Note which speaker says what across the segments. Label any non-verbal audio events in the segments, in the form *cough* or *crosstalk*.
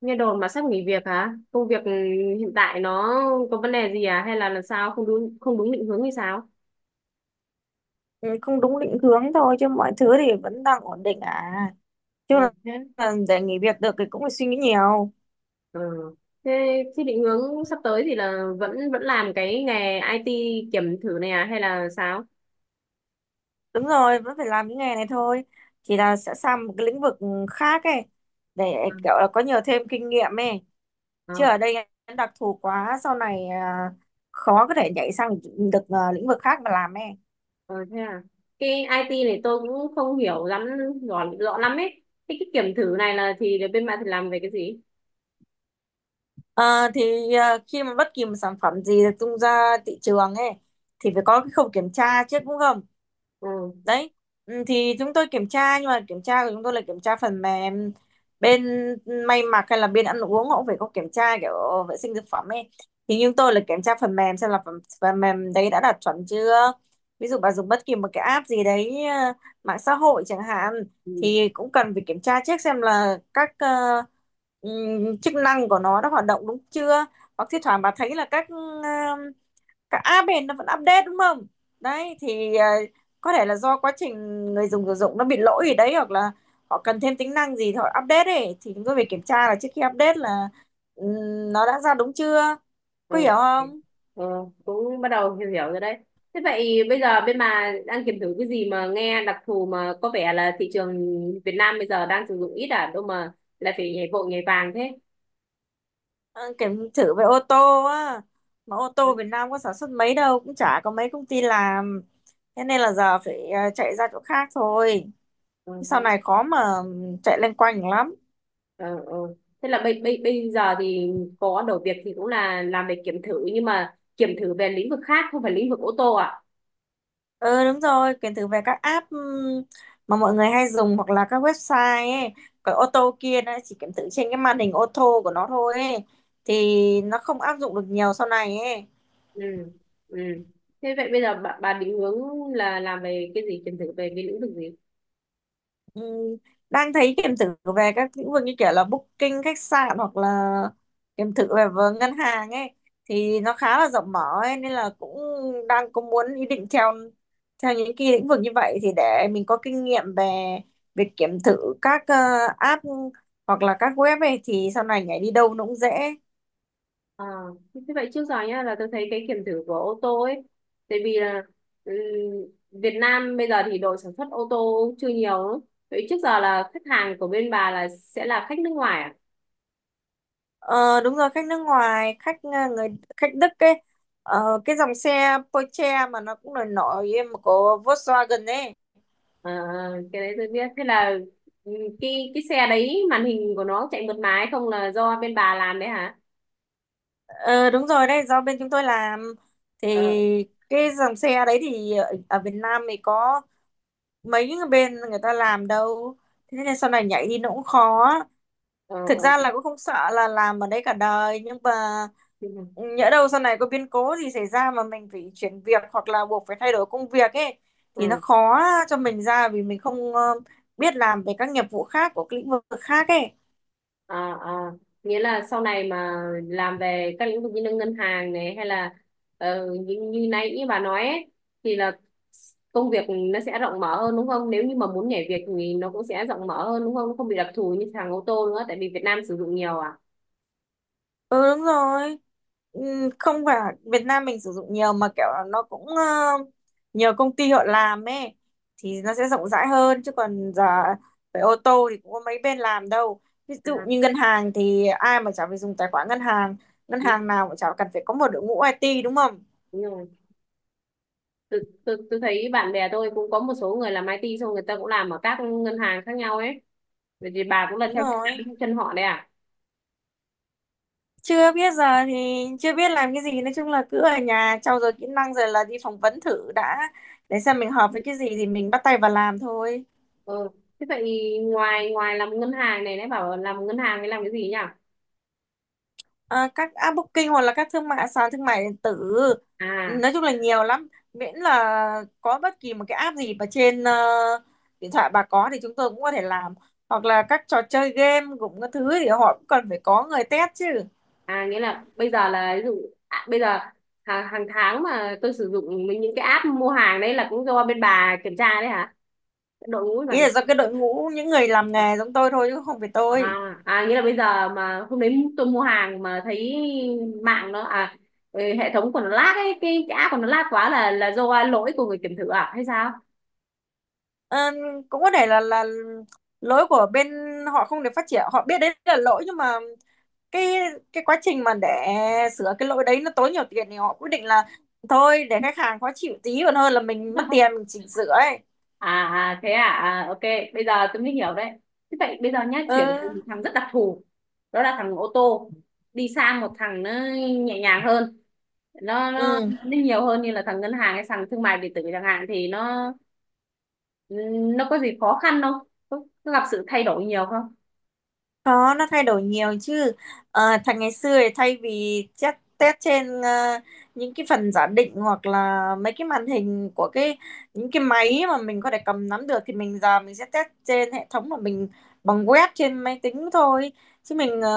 Speaker 1: Nghe đồn mà sắp nghỉ việc hả? Công việc hiện tại nó có vấn đề gì à? Hay là làm sao không đúng định hướng hay sao?
Speaker 2: Ừ, không đúng định hướng thôi chứ mọi thứ thì vẫn đang ổn định à chứ
Speaker 1: Ừ.
Speaker 2: là
Speaker 1: Thế,
Speaker 2: là để nghỉ việc được thì cũng phải suy nghĩ nhiều.
Speaker 1: ừ. Thế, thế định hướng sắp tới thì là vẫn vẫn làm cái nghề IT kiểm thử này à? Hay là sao?
Speaker 2: Đúng rồi, vẫn phải làm những nghề này thôi, chỉ là sẽ sang một cái lĩnh vực khác ấy để
Speaker 1: À,
Speaker 2: kiểu là có nhiều thêm kinh nghiệm ấy, chứ
Speaker 1: à,
Speaker 2: ở đây em đặc thù quá sau này à, khó có thể nhảy sang được à, lĩnh vực khác mà làm ấy.
Speaker 1: ờ, thế à? Cái IT này tôi cũng không hiểu lắm rõ lắm ấy. Thế cái kiểm thử này là thì bên bạn thì làm về cái gì?
Speaker 2: Khi mà bất kỳ một sản phẩm gì được tung ra thị trường ấy thì phải có cái khâu kiểm tra trước đúng không, đấy, ừ, thì chúng tôi kiểm tra, nhưng mà kiểm tra của chúng tôi là kiểm tra phần mềm. Bên may mặc hay là bên ăn uống họ cũng phải có kiểm tra kiểu vệ sinh thực phẩm ấy, thì chúng tôi là kiểm tra phần mềm xem là phần mềm đấy đã đạt chuẩn chưa. Ví dụ bà dùng bất kỳ một cái app gì đấy, mạng xã hội chẳng hạn,
Speaker 1: Ừ.
Speaker 2: thì cũng cần phải kiểm tra trước xem là các chức năng của nó đã hoạt động đúng chưa, hoặc thi thoảng bà thấy là các cả à, bền nó vẫn update đúng không? Đấy thì có thể là do quá trình người dùng sử dụng nó bị lỗi gì đấy, hoặc là họ cần thêm tính năng gì thì họ update ấy, thì chúng tôi phải kiểm tra là trước khi update là, nó đã ra đúng chưa? Có
Speaker 1: ừ.
Speaker 2: hiểu không?
Speaker 1: Ừ, cũng bắt đầu hiểu hiểu rồi đấy. Thế vậy bây giờ bên bà đang kiểm thử cái gì mà nghe đặc thù mà có vẻ là thị trường Việt Nam bây giờ đang sử dụng ít à, đâu mà lại phải nhảy vội nhảy vàng thế.
Speaker 2: Ờ, Kiểm thử về ô tô á, mà ô
Speaker 1: Đấy.
Speaker 2: tô Việt Nam có sản xuất mấy đâu, cũng chả có mấy công ty làm, thế nên là giờ phải chạy ra chỗ khác thôi,
Speaker 1: Ừ, thế.
Speaker 2: sau này khó mà chạy loanh quanh lắm.
Speaker 1: Ừ, ừ. Thế là bây giờ thì có đầu việc thì cũng là làm về kiểm thử nhưng mà kiểm thử về lĩnh vực khác không phải lĩnh vực ô tô à?
Speaker 2: Ừ đúng rồi, quyền thử về các app, mà mọi người hay dùng, hoặc là các website ấy. Còn ô tô kia nó chỉ kiểm thử trên cái màn hình ô tô của nó thôi ấy. Thì nó không áp dụng được nhiều sau này ấy.
Speaker 1: Ừ. Ừ. Thế vậy bây giờ bà định hướng là làm về cái gì kiểm thử về cái lĩnh vực gì?
Speaker 2: Ừ, đang thấy kiểm thử về các lĩnh vực như kiểu là booking khách sạn hoặc là kiểm thử về ngân hàng ấy, thì nó khá là rộng mở ấy, nên là cũng đang có muốn ý định theo theo những cái lĩnh vực như vậy, thì để mình có kinh nghiệm về việc kiểm thử các app hoặc là các web ấy, thì sau này nhảy đi đâu nó cũng dễ.
Speaker 1: À, thế vậy trước giờ nhá là tôi thấy cái kiểm thử của ô tô ấy tại vì là ừm, Việt Nam bây giờ thì đội sản xuất ô tô chưa nhiều lắm. Vậy trước giờ là khách hàng của bên bà là sẽ là khách nước ngoài à?
Speaker 2: Ờ, Đúng rồi, khách nước ngoài, khách người khách Đức ấy. Cái dòng xe Porsche mà nó cũng nổi nổi mà của Volkswagen ấy.
Speaker 1: À, cái đấy tôi biết thế là ừm, cái xe đấy màn hình của nó chạy mượt mà hay không là do bên bà làm đấy hả?
Speaker 2: Ờ, Đúng rồi đấy, do bên chúng tôi làm thì
Speaker 1: Ờ,
Speaker 2: cái dòng xe đấy thì ở Việt Nam thì có mấy cái bên người ta làm đâu. Thế nên sau này nhảy đi nó cũng khó.
Speaker 1: ờ,
Speaker 2: Thực ra
Speaker 1: ờ.
Speaker 2: là cũng không sợ là làm ở đấy cả đời, nhưng mà nhỡ đâu sau này có biến cố gì xảy ra mà mình phải chuyển việc hoặc là buộc phải thay đổi công việc ấy,
Speaker 1: Ừ.
Speaker 2: thì nó khó cho mình ra vì mình không biết làm về các nghiệp vụ khác của cái lĩnh vực khác ấy.
Speaker 1: à, à. Nghĩa là sau này mà làm về các lĩnh vực như là ngân hàng này hay là như nãy như bà nói ấy, thì là công việc nó sẽ rộng mở hơn đúng không, nếu như mà muốn nhảy việc thì nó cũng sẽ rộng mở hơn đúng không? Nó không bị đặc thù như thằng ô tô nữa tại vì Việt Nam sử dụng nhiều à?
Speaker 2: Ừ đúng rồi. Ừ, không phải Việt Nam mình sử dụng nhiều, mà kiểu là nó cũng nhiều công ty họ làm ấy, thì nó sẽ rộng rãi hơn, chứ còn giờ phải ô tô thì cũng có mấy bên làm đâu. Ví dụ
Speaker 1: À,
Speaker 2: như ngân hàng thì ai mà chả phải dùng tài khoản ngân
Speaker 1: ừ,
Speaker 2: hàng nào cũng chả cần phải có một đội ngũ IT đúng không?
Speaker 1: đúng rồi. Tôi, tôi thấy bạn bè tôi cũng có một số người làm IT xong người ta cũng làm ở các ngân hàng khác nhau ấy. Vậy thì bà cũng là
Speaker 2: Đúng
Speaker 1: theo
Speaker 2: rồi.
Speaker 1: theo chân họ đấy à?
Speaker 2: Chưa biết, giờ thì chưa biết làm cái gì, nói chung là cứ ở nhà trau dồi kỹ năng rồi là đi phỏng vấn thử đã, để xem mình hợp với cái gì thì mình bắt tay vào làm thôi.
Speaker 1: Ừ. Thế vậy ngoài ngoài làm ngân hàng này nãy bảo làm ngân hàng thì làm cái gì nhỉ?
Speaker 2: À, các app booking hoặc là các thương mại sàn thương mại điện tử,
Speaker 1: À,
Speaker 2: nói chung là nhiều lắm, miễn là có bất kỳ một cái app gì mà trên điện thoại bà có thì chúng tôi cũng có thể làm, hoặc là các trò chơi game cũng có thứ thì họ cũng cần phải có người test chứ.
Speaker 1: à, nghĩa là bây giờ là ví dụ à, bây giờ hàng tháng mà tôi sử dụng mấy những cái app mua hàng đấy là cũng do bên bà kiểm tra đấy hả, đội ngũ bà
Speaker 2: Ý là
Speaker 1: kiểm
Speaker 2: do
Speaker 1: tra?
Speaker 2: cái đội ngũ những người làm nghề giống tôi thôi chứ không phải tôi.
Speaker 1: À, à nghĩa là bây giờ mà hôm đấy tôi mua hàng mà thấy mạng nó à, ừ, hệ thống của nó lag ấy, cái app của nó lag quá là do lỗi của người kiểm thử à hay sao?
Speaker 2: Ờ, Cũng có thể là lỗi của bên họ không được phát triển, họ biết đấy là lỗi nhưng mà cái cái quá trình mà để sửa cái lỗi đấy nó tốn nhiều tiền thì họ quyết định là thôi để khách hàng khó chịu tí còn hơn là mình mất tiền
Speaker 1: *laughs*
Speaker 2: mình chỉnh sửa ấy.
Speaker 1: À à, thế à, à ok, bây giờ tôi mới hiểu đấy. Thế vậy bây giờ nhá,
Speaker 2: Ừ.
Speaker 1: chuyển từ một thằng rất đặc thù đó là thằng ô tô đi sang một thằng nó nhẹ nhàng hơn, nó
Speaker 2: Ừ.
Speaker 1: nhiều hơn như là thằng ngân hàng hay thằng thương mại điện tử chẳng hạn thì nó có gì khó khăn không, có gặp sự thay đổi nhiều không?
Speaker 2: Có, nó thay đổi nhiều chứ. Thành ngày xưa thì thay vì test, test trên những cái phần giả định hoặc là mấy cái màn hình của những cái máy mà mình có thể cầm nắm được, thì mình giờ mình sẽ test trên hệ thống mà mình bằng web trên máy tính thôi. Chứ mình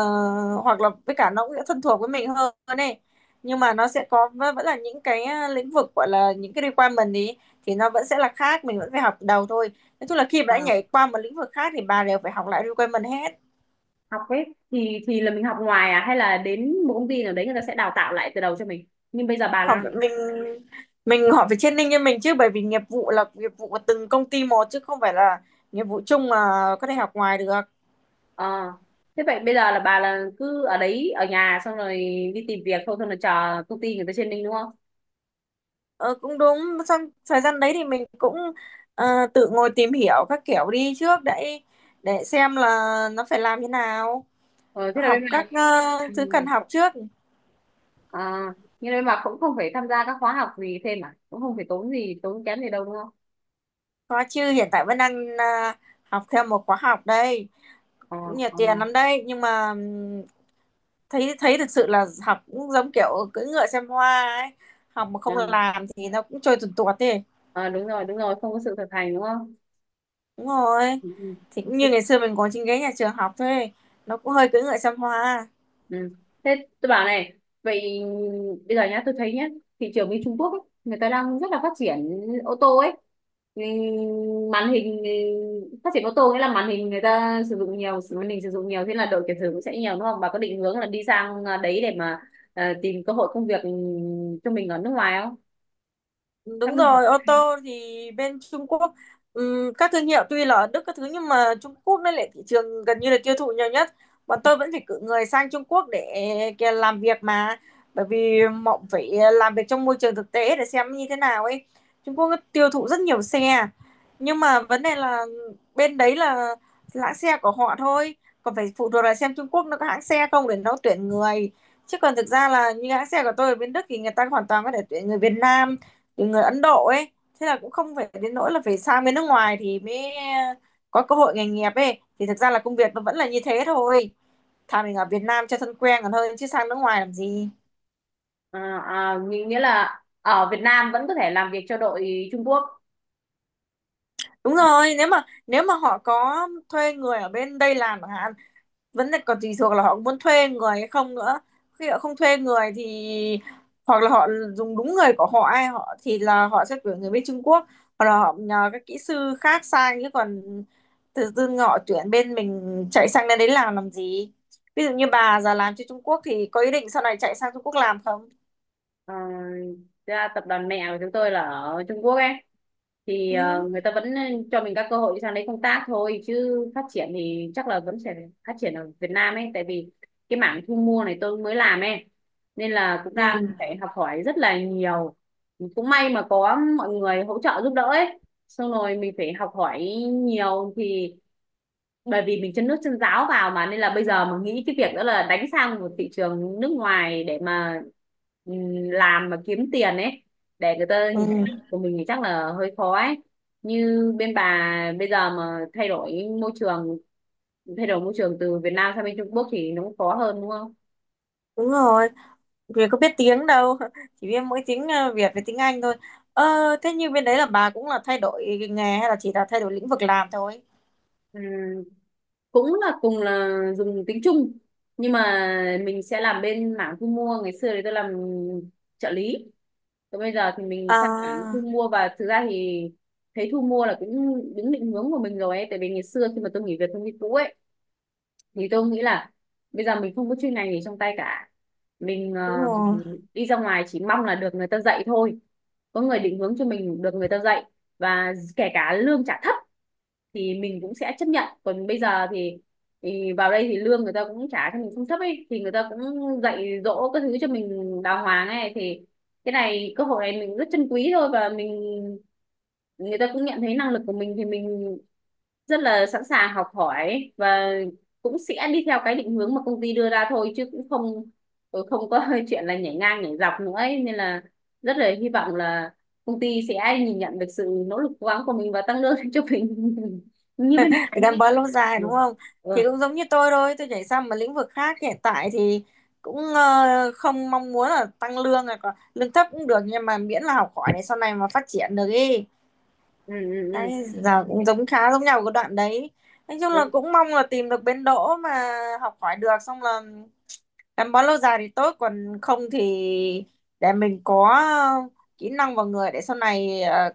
Speaker 2: hoặc là với cả nó cũng sẽ thân thuộc với mình hơn này. Nhưng mà nó sẽ có vẫn vẫn là những cái lĩnh vực gọi là những cái requirement ý, thì nó vẫn sẽ là khác, mình vẫn phải học từ đầu thôi. Nói chung là khi mà đã
Speaker 1: À,
Speaker 2: nhảy qua một lĩnh vực khác thì bà đều phải học lại requirement hết.
Speaker 1: học ấy thì là mình học ngoài à hay là đến một công ty nào đấy người ta sẽ đào tạo lại từ đầu cho mình, nhưng bây giờ bà
Speaker 2: họ
Speaker 1: đang
Speaker 2: phải- mình mình họ phải training cho mình chứ, bởi vì nghiệp vụ là nghiệp vụ của từng công ty một chứ không phải là nghiệp vụ chung mà có thể học ngoài được.
Speaker 1: Ờ. Thế vậy bây giờ là bà là cứ ở đấy ở nhà xong rồi đi tìm việc thôi xong rồi chờ công ty người ta trên mình đúng không?
Speaker 2: Ờ, Cũng đúng, xong thời gian đấy thì mình cũng tự ngồi tìm hiểu các kiểu đi trước để xem là nó phải làm thế nào,
Speaker 1: Ờ, thế là bên
Speaker 2: học
Speaker 1: bà
Speaker 2: các
Speaker 1: ừ.
Speaker 2: thứ cần học trước.
Speaker 1: À, nhưng bên bà cũng không phải tham gia các khóa học gì thêm à? Cũng không phải tốn gì tốn kém gì đâu đúng không?
Speaker 2: Có chứ, hiện tại vẫn đang học thêm một khóa học đây,
Speaker 1: Ờ,
Speaker 2: cũng nhiều
Speaker 1: ờ,
Speaker 2: tiền lắm đây nhưng mà thấy thấy thực sự là học cũng giống kiểu cưỡi ngựa xem hoa ấy, học mà không
Speaker 1: vâng.
Speaker 2: làm thì nó cũng trôi tuột tuột thế.
Speaker 1: Ờ, đúng rồi không có sự thực hành đúng không?
Speaker 2: Đúng rồi,
Speaker 1: Ừ.
Speaker 2: thì cũng
Speaker 1: ừ.
Speaker 2: như ngày xưa mình ngồi trên ghế nhà trường học thôi, nó cũng hơi cưỡi ngựa xem hoa.
Speaker 1: Ừ. Thế tôi bảo này, vậy bây giờ nhá, tôi thấy nhá, thị trường bên Trung Quốc ấy, người ta đang rất là phát triển ô tô ấy. Ừ, Màn hình ừ, phát triển ô tô nghĩa là màn hình người ta sử dụng nhiều, màn hình sử dụng nhiều thế là độ kiểm thử cũng sẽ nhiều đúng không? Bà có định hướng là đi sang à, đấy để mà tìm cơ hội công việc ừ, cho mình ở nước ngoài không? Em
Speaker 2: Đúng
Speaker 1: đừng-
Speaker 2: rồi, ô tô thì bên Trung Quốc, các thương hiệu tuy là ở Đức các thứ nhưng mà Trung Quốc nó lại thị trường gần như là tiêu thụ nhiều nhất. Bọn tôi vẫn phải cử người sang Trung Quốc để kia làm việc mà, bởi vì họ phải làm việc trong môi trường thực tế để xem như thế nào ấy. Trung Quốc nó tiêu thụ rất nhiều xe, nhưng mà vấn đề là bên đấy là hãng xe của họ thôi, còn phải phụ thuộc là xem Trung Quốc nó có hãng xe không để nó tuyển người, chứ còn thực ra là như hãng xe của tôi ở bên Đức thì người ta hoàn toàn có thể tuyển người Việt Nam từ người Ấn Độ ấy. Thế là cũng không phải đến nỗi là phải sang bên nước ngoài thì mới có cơ hội nghề nghiệp ấy, thì thực ra là công việc nó vẫn là như thế thôi, thà mình ở Việt Nam cho thân quen còn hơn chứ sang nước ngoài làm gì.
Speaker 1: À, à, nghĩa nghĩa là ở Việt Nam vẫn có thể làm việc cho đội Trung Quốc?
Speaker 2: Đúng rồi, nếu mà họ có thuê người ở bên đây làm chẳng hạn, vẫn là còn tùy thuộc là họ muốn thuê người hay không nữa. Khi họ không thuê người thì hoặc là họ dùng đúng người của họ ai họ thì là họ sẽ tuyển người bên Trung Quốc, hoặc là họ nhờ các kỹ sư khác sang, chứ còn tự dưng họ tuyển bên mình chạy sang đến đấy làm gì. Ví dụ như bà giờ làm cho Trung Quốc thì có ý định sau này chạy sang Trung Quốc làm không?
Speaker 1: Ờ, thực ra tập đoàn mẹ của chúng tôi là ở Trung Quốc ấy, thì
Speaker 2: Ừ.
Speaker 1: người ta vẫn cho mình các cơ hội sang đấy công tác thôi chứ phát triển thì chắc là vẫn sẽ phát triển ở Việt Nam ấy, tại vì cái mảng thu mua này tôi mới làm ấy nên là cũng đang
Speaker 2: Ừ.
Speaker 1: phải học hỏi rất là nhiều, cũng may mà có mọi người hỗ trợ giúp đỡ ấy, xong rồi mình phải học hỏi nhiều thì bởi vì mình chân nước chân ráo vào mà, nên là bây giờ mình nghĩ cái việc đó là đánh sang một thị trường nước ngoài để mà làm mà kiếm tiền ấy, để người ta nhìn thấy
Speaker 2: Ừ.
Speaker 1: năng lực của mình thì chắc là hơi khó ấy, như bên bà bây giờ mà thay đổi môi trường, từ Việt Nam sang bên Trung Quốc thì nó cũng khó hơn đúng không?
Speaker 2: Đúng rồi. Vì có biết tiếng đâu, *laughs* chỉ biết mỗi tiếng Việt với tiếng Anh thôi. Ờ, Thế như bên đấy là bà cũng là thay đổi nghề hay là chỉ là thay đổi lĩnh vực làm thôi?
Speaker 1: Ừ, cũng là cùng là dùng tính chung nhưng mà mình sẽ làm bên mảng thu mua, ngày xưa thì tôi làm trợ lý còn bây giờ thì mình sang mảng thu
Speaker 2: À,
Speaker 1: mua, và thực ra thì thấy thu mua là cũng đúng định hướng của mình rồi ấy, tại vì ngày xưa khi mà tôi nghỉ việc công ty cũ ấy thì tôi nghĩ là bây giờ mình không có chuyên ngành gì trong tay cả, mình
Speaker 2: đúng rồi,
Speaker 1: đi ra ngoài chỉ mong là được người ta dạy thôi, có người định hướng cho mình, được người ta dạy và kể cả lương trả thấp thì mình cũng sẽ chấp nhận, còn bây giờ thì vào đây thì lương người ta cũng trả cho mình không thấp ấy, thì người ta cũng dạy dỗ các thứ cho mình đàng hoàng ấy, thì cái này cơ hội này mình rất trân quý thôi, và mình người ta cũng nhận thấy năng lực của mình thì mình rất là sẵn sàng học hỏi và cũng sẽ đi theo cái định hướng mà công ty đưa ra thôi, chứ cũng không không có *laughs* chuyện là nhảy ngang nhảy dọc nữa ấy. Nên là rất là hy vọng là công ty sẽ nhìn nhận được sự nỗ lực cố gắng của mình và tăng lương cho mình *laughs* như bên ngoài nhé.
Speaker 2: gắn bó lâu dài
Speaker 1: Ừ.
Speaker 2: đúng không? Thì
Speaker 1: Ừ.
Speaker 2: cũng giống như tôi thôi, tôi nhảy sang một lĩnh vực khác hiện tại thì cũng không mong muốn là tăng lương, là lương thấp cũng được, nhưng mà miễn là học hỏi để sau này mà phát triển được ý.
Speaker 1: Ừ. Ừ.
Speaker 2: Đấy, giờ cũng giống khá giống nhau cái đoạn đấy. Nói chung là
Speaker 1: ừ.
Speaker 2: cũng mong là tìm được bến đỗ mà học hỏi được, xong là gắn bó lâu dài thì tốt, còn không thì để mình có kỹ năng vào người để sau này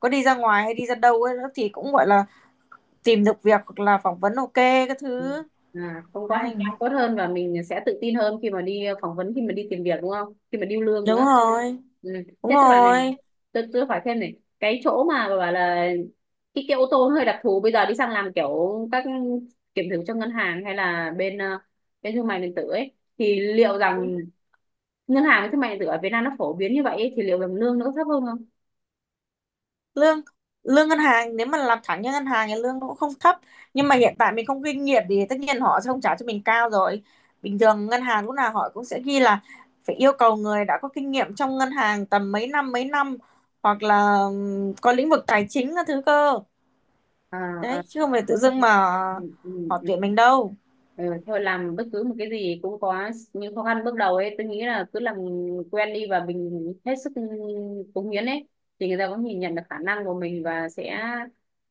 Speaker 2: có đi ra ngoài hay đi ra đâu ấy, thì cũng gọi là tìm được việc hoặc là phỏng vấn ok các
Speaker 1: Ừ.
Speaker 2: thứ.
Speaker 1: À, không có, hành
Speaker 2: Đấy.
Speaker 1: trang tốt hơn và mình sẽ tự tin hơn khi mà đi phỏng vấn, khi mà đi tìm việc đúng không, khi mà điêu lương nữa.
Speaker 2: Đúng rồi,
Speaker 1: Ừ.
Speaker 2: đúng
Speaker 1: Thế tôi bảo này,
Speaker 2: rồi.
Speaker 1: tôi hỏi thêm này, cái chỗ mà bà bảo là cái ô tô nó hơi đặc thù, bây giờ đi sang làm kiểu các kiểm thử cho ngân hàng hay là bên thương mại điện tử ấy, thì liệu rằng ngân hàng với thương mại điện tử ở Việt Nam nó phổ biến như vậy ấy, thì liệu rằng lương nó có thấp hơn không?
Speaker 2: Lương lương ngân hàng nếu mà làm thẳng như ngân hàng thì lương nó cũng không thấp, nhưng mà hiện tại mình không kinh nghiệm thì tất nhiên họ sẽ không trả cho mình cao rồi. Bình thường ngân hàng lúc nào họ cũng sẽ ghi là phải yêu cầu người đã có kinh nghiệm trong ngân hàng tầm mấy năm mấy năm, hoặc là có lĩnh vực tài chính các thứ cơ,
Speaker 1: À, à.
Speaker 2: đấy, chứ không phải tự
Speaker 1: Ừ,
Speaker 2: dưng mà
Speaker 1: ừ, ừ.
Speaker 2: họ
Speaker 1: Ừ,
Speaker 2: tuyển mình đâu.
Speaker 1: Ờ, thôi làm bất cứ một cái gì cũng có những khó khăn bước đầu ấy, tôi nghĩ là cứ làm quen đi và mình hết sức cống hiến ấy, thì người ta cũng nhìn nhận được khả năng của mình và sẽ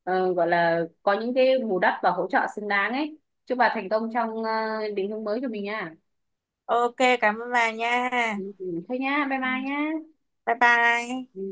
Speaker 1: gọi là có những cái bù đắp và hỗ trợ xứng đáng ấy. Chúc bà thành công trong định hướng mới cho mình nha.
Speaker 2: Ok, cảm ơn bà nha.
Speaker 1: Ừ, ừ, thôi nha bye
Speaker 2: Ừ.
Speaker 1: bye nha.
Speaker 2: Bye bye.
Speaker 1: Ừ.